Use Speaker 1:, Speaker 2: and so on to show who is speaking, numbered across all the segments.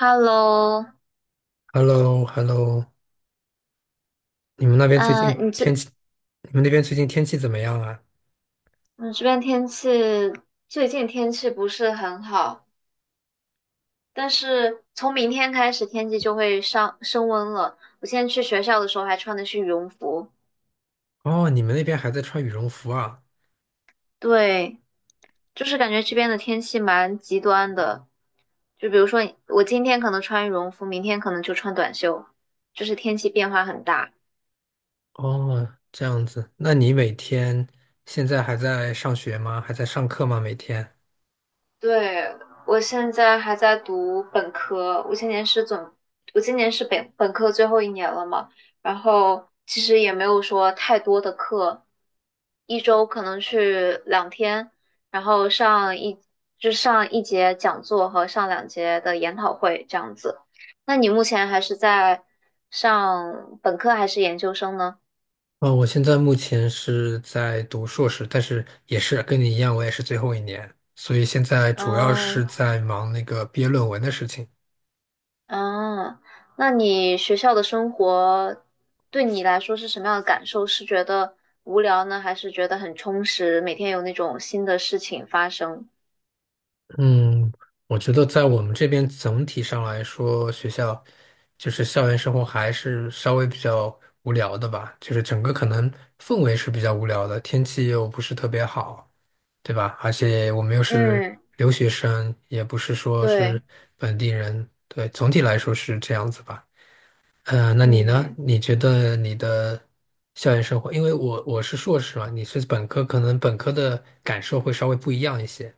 Speaker 1: Hello，
Speaker 2: h e l l o h e l l o 你们那边最
Speaker 1: 呃，
Speaker 2: 近
Speaker 1: 你
Speaker 2: 天
Speaker 1: 这
Speaker 2: 气，你们那边最近天气怎么样啊？
Speaker 1: 你这边最近天气不是很好，但是从明天开始天气就会上升温了。我现在去学校的时候还穿的是羽绒服。
Speaker 2: 哦，你们那边还在穿羽绒服啊？
Speaker 1: 对，就是感觉这边的天气蛮极端的，就比如说我今天可能穿羽绒服，明天可能就穿短袖，就是天气变化很大。
Speaker 2: 哦，这样子，那你每天现在还在上学吗？还在上课吗？每天？
Speaker 1: 对，我现在还在读本科，我今年是本科最后一年了嘛，然后其实也没有说太多的课，一周可能去两天，然后上一，就上一节讲座和上两节的研讨会这样子。那你目前还是在上本科还是研究生呢？
Speaker 2: 哦，我现在目前是在读硕士，但是也是跟你一样，我也是最后一年，所以现在主要是
Speaker 1: 嗯。
Speaker 2: 在忙那个毕业论文的事情。
Speaker 1: 啊，那你学校的生活对你来说是什么样的感受？是觉得无聊呢，还是觉得很充实？每天有那种新的事情发生？
Speaker 2: 嗯，我觉得在我们这边总体上来说，学校就是校园生活还是稍微比较无聊的吧，就是整个可能氛围是比较无聊的，天气又不是特别好，对吧？而且我们又是
Speaker 1: 嗯，
Speaker 2: 留学生，也不是说是
Speaker 1: 对，
Speaker 2: 本地人，对，总体来说是这样子吧。嗯，那你呢？
Speaker 1: 嗯。
Speaker 2: 你觉得你的校园生活，因为我是硕士嘛，你是本科，可能本科的感受会稍微不一样一些。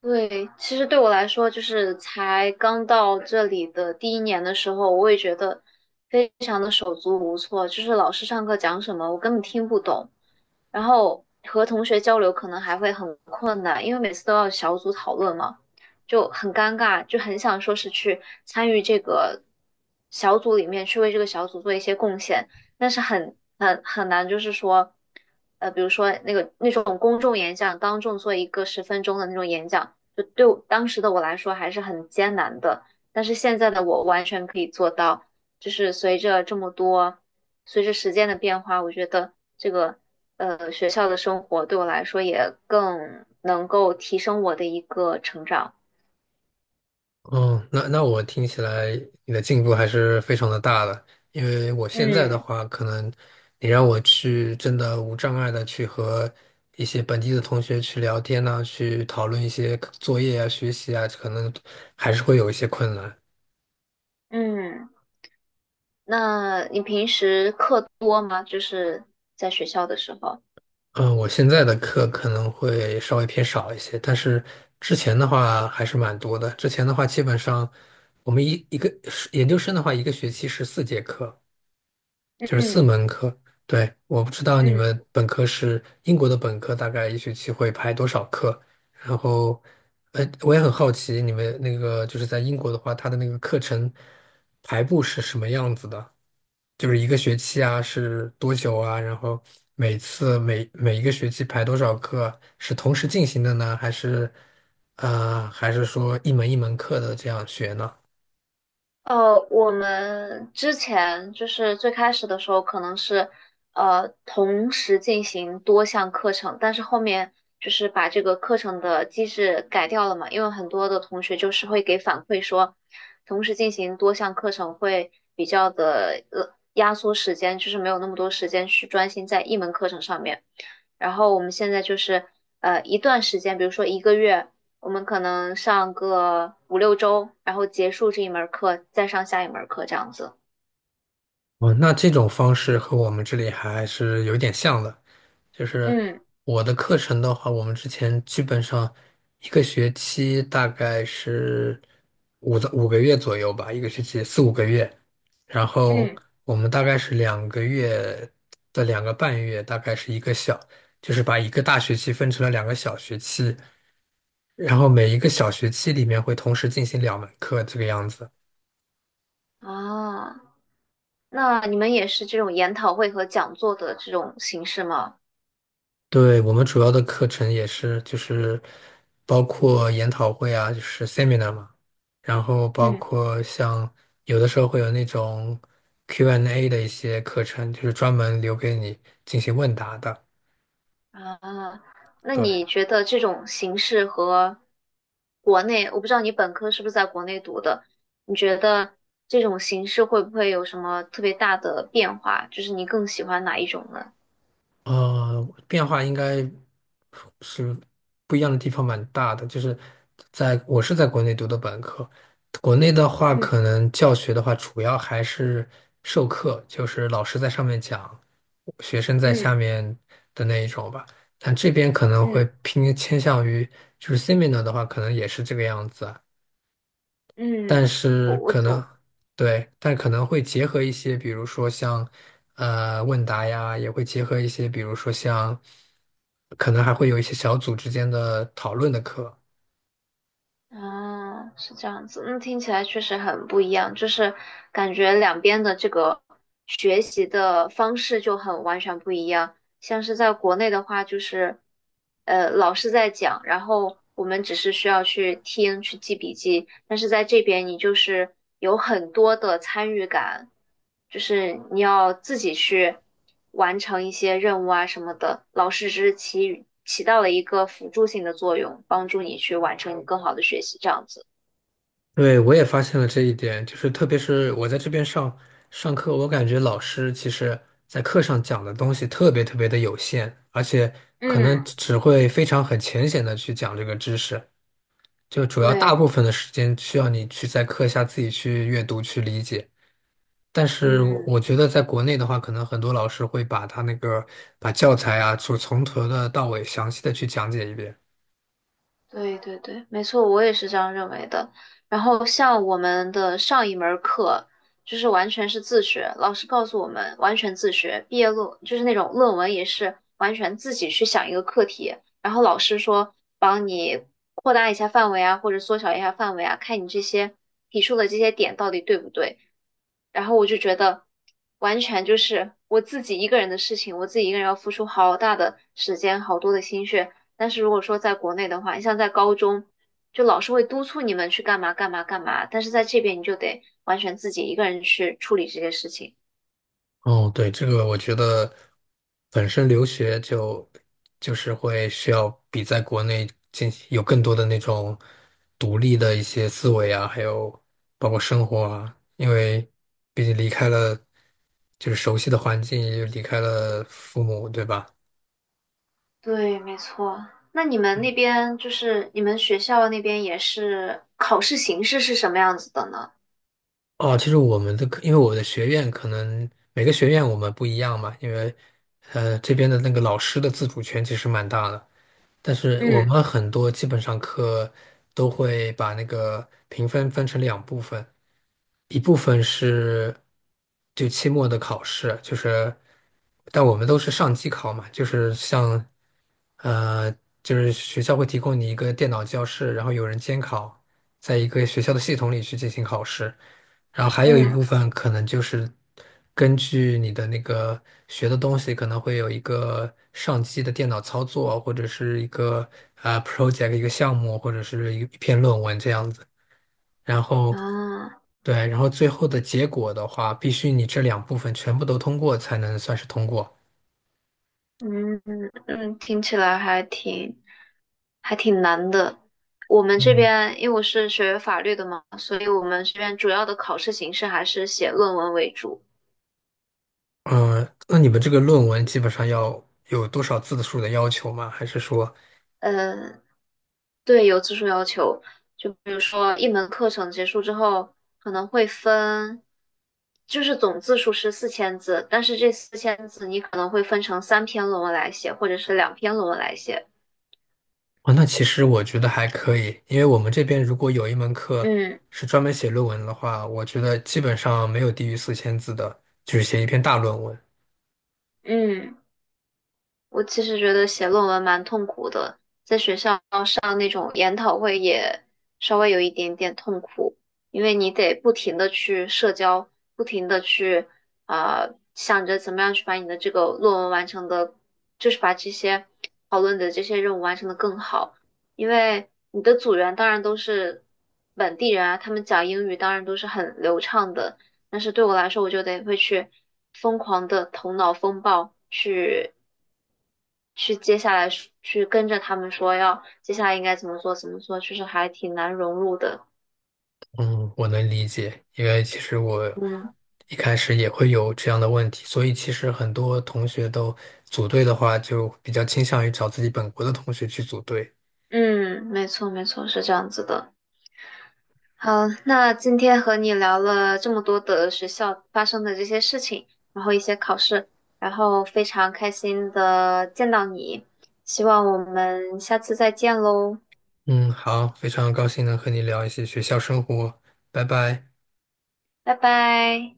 Speaker 1: 对，其实对我来说，就是才刚到这里的第一年的时候，我也觉得非常的手足无措，就是老师上课讲什么，我根本听不懂，然后和同学交流可能还会很困难，因为每次都要小组讨论嘛，就很尴尬，就很想说是去参与这个小组里面去为这个小组做一些贡献，但是很难，就是说，比如说那种公众演讲，当众做一个10分钟的那种演讲。就对我当时的我来说还是很艰难的。但是现在的我完全可以做到，就是随着这么多，随着时间的变化，我觉得这个学校的生活对我来说也更能够提升我的一个成长。
Speaker 2: 哦，那我听起来你的进步还是非常的大的，因为我现在的
Speaker 1: 嗯。
Speaker 2: 话，可能你让我去真的无障碍的去和一些本地的同学去聊天呐、去讨论一些作业啊、学习啊，可能还是会有一些困难。
Speaker 1: 嗯，那你平时课多吗？就是在学校的时候。
Speaker 2: 嗯，我现在的课可能会稍微偏少一些，但是之前的话还是蛮多的。之前的话，基本上我们一个研究生的话，一个学期14节课。就是四
Speaker 1: 嗯。
Speaker 2: 门课。对，我不知道你
Speaker 1: 嗯。
Speaker 2: 们本科是英国的本科，大概一学期会排多少课？然后，我也很好奇你们那个就是在英国的话，它的那个课程排布是什么样子的？就是一个学期啊，是多久啊？然后每次每一个学期排多少课？是同时进行的呢，还是说一门一门课的这样学呢？
Speaker 1: 我们之前就是最开始的时候，可能是同时进行多项课程，但是后面就是把这个课程的机制改掉了嘛，因为很多的同学就是会给反馈说，同时进行多项课程会比较的压缩时间，就是没有那么多时间去专心在一门课程上面。然后我们现在就是一段时间，比如说一个月。我们可能上个五六周，然后结束这一门课，再上下一门课这样子。
Speaker 2: 哦，那这种方式和我们这里还是有点像的，就是
Speaker 1: 嗯。
Speaker 2: 我的课程的话，我们之前基本上一个学期大概是五个月左右吧，一个学期4、5个月，然后
Speaker 1: 嗯，
Speaker 2: 我们大概是2个半月，大概是一个小，就是把一个大学期分成了2个小学期，然后每一个小学期里面会同时进行2门课这个样子。
Speaker 1: 啊，那你们也是这种研讨会和讲座的这种形式吗？
Speaker 2: 对，我们主要的课程也是就是包括研讨会啊，就是 seminar 嘛，然后包
Speaker 1: 嗯。
Speaker 2: 括像有的时候会有那种 Q&A 的一些课程，就是专门留给你进行问答的。
Speaker 1: 啊，那
Speaker 2: 对，
Speaker 1: 你觉得这种形式和国内，我不知道你本科是不是在国内读的，你觉得这种形式会不会有什么特别大的变化？就是你更喜欢哪一种呢？
Speaker 2: 呃，变化应该是不一样的地方蛮大的，就是在我是在国内读的本科，国内的话，
Speaker 1: 嗯。
Speaker 2: 可能教学的话，主要还是授课，就是老师在上面讲，学生在下
Speaker 1: 嗯。
Speaker 2: 面的那一种吧。但这边可能会
Speaker 1: 嗯。
Speaker 2: 偏倾向于，就是 seminar 的话，可能也是这个样子啊。但
Speaker 1: 嗯，我
Speaker 2: 是
Speaker 1: 我
Speaker 2: 可能
Speaker 1: 我
Speaker 2: 对，但可能会结合一些，比如说像问答呀，也会结合一些，比如说像。可能还会有一些小组之间的讨论的课。
Speaker 1: 啊，是这样子，那听起来确实很不一样，就是感觉两边的这个学习的方式就很完全不一样。像是在国内的话，就是老师在讲，然后我们只是需要去听去记笔记，但是在这边你就是有很多的参与感，就是你要自己去完成一些任务啊什么的，老师只是起到了一个辅助性的作用，帮助你去完成你更好的学习，这样子。
Speaker 2: 对，我也发现了这一点，就是特别是我在这边上课，我感觉老师其实在课上讲的东西特别特别的有限，而且可能
Speaker 1: 嗯，
Speaker 2: 只会非常很浅显的去讲这个知识，就主要大
Speaker 1: 对，
Speaker 2: 部分的时间需要你去在课下自己去阅读去理解。但是我
Speaker 1: 嗯，
Speaker 2: 觉得在国内的话，可能很多老师会把他那个把教材啊，就从头的到尾详细的去讲解一遍。
Speaker 1: 对对对，没错，我也是这样认为的。然后像我们的上一门儿课，就是完全是自学，老师告诉我们完全自学，毕业论就是那种论文也是完全自己去想一个课题，然后老师说帮你扩大一下范围啊，或者缩小一下范围啊，看你这些提出的这些点到底对不对。然后我就觉得完全就是我自己一个人的事情，我自己一个人要付出好大的时间，好多的心血。但是如果说在国内的话，你像在高中，就老师会督促你们去干嘛干嘛干嘛，但是在这边你就得完全自己一个人去处理这些事情。
Speaker 2: 哦，对，这个我觉得本身留学就是会需要比在国内进行有更多的那种独立的一些思维啊，还有包括生活啊，因为毕竟离开了就是熟悉的环境，也就离开了父母，对吧？
Speaker 1: 对，没错。那你们那边就是你们学校那边也是考试形式是什么样子的呢？
Speaker 2: 哦，其实我们的课，因为我的学院可能每个学院我们不一样嘛，因为这边的那个老师的自主权其实蛮大的。但是我
Speaker 1: 嗯。
Speaker 2: 们很多基本上课都会把那个评分分成两部分，一部分是就期末的考试，就是但我们都是上机考嘛，就是呃，就是学校会提供你一个电脑教室，然后有人监考，在一个学校的系统里去进行考试。然后还有一部
Speaker 1: 嗯。
Speaker 2: 分可能就是根据你的那个学的东西，可能会有一个上机的电脑操作，或者是一个 project 一个项目，或者是一篇论文这样子。然后
Speaker 1: 啊。
Speaker 2: 对，然后最后的结果的话，必须你这两部分全部都通过才能算是通过。
Speaker 1: 嗯。嗯，听起来还挺难的。我们这
Speaker 2: 嗯，
Speaker 1: 边因为我是学法律的嘛，所以我们这边主要的考试形式还是写论文为主。
Speaker 2: 嗯，那你们这个论文基本上要有多少字数的要求吗？还是说？
Speaker 1: 嗯，对，有字数要求，比如说一门课程结束之后，可能会分，就是总字数是四千字，但是这4000字你可能会分成三篇论文来写，或者是两篇论文来写。
Speaker 2: 啊，那其实我觉得还可以，因为我们这边如果有一门课
Speaker 1: 嗯。
Speaker 2: 是专门写论文的话，我觉得基本上没有低于4,000字的，就是写一篇大论文。
Speaker 1: 嗯。我其实觉得写论文蛮痛苦的，在学校上那种研讨会也稍微有一点点痛苦，因为你得不停的去社交，不停的去想着怎么样去把你的这个论文完成的，就是把这些讨论的这些任务完成的更好。因为你的组员当然都是本地人啊，他们讲英语当然都是很流畅的，但是对我来说，我就得会去疯狂的头脑风暴去去接下来去跟着他们说要接下来应该怎么做怎么做，就是还挺难融入的。
Speaker 2: 嗯，我能理解，因为其实我
Speaker 1: 嗯。
Speaker 2: 一开始也会有这样的问题，所以其实很多同学都组队的话，就比较倾向于找自己本国的同学去组队。
Speaker 1: 嗯，没错，是这样子的。好，那今天和你聊了这么多的学校发生的这些事情，然后一些考试，然后非常开心的见到你，希望我们下次再见喽，
Speaker 2: 嗯，好，非常高兴能和你聊一些学校生活，拜拜。
Speaker 1: 拜拜。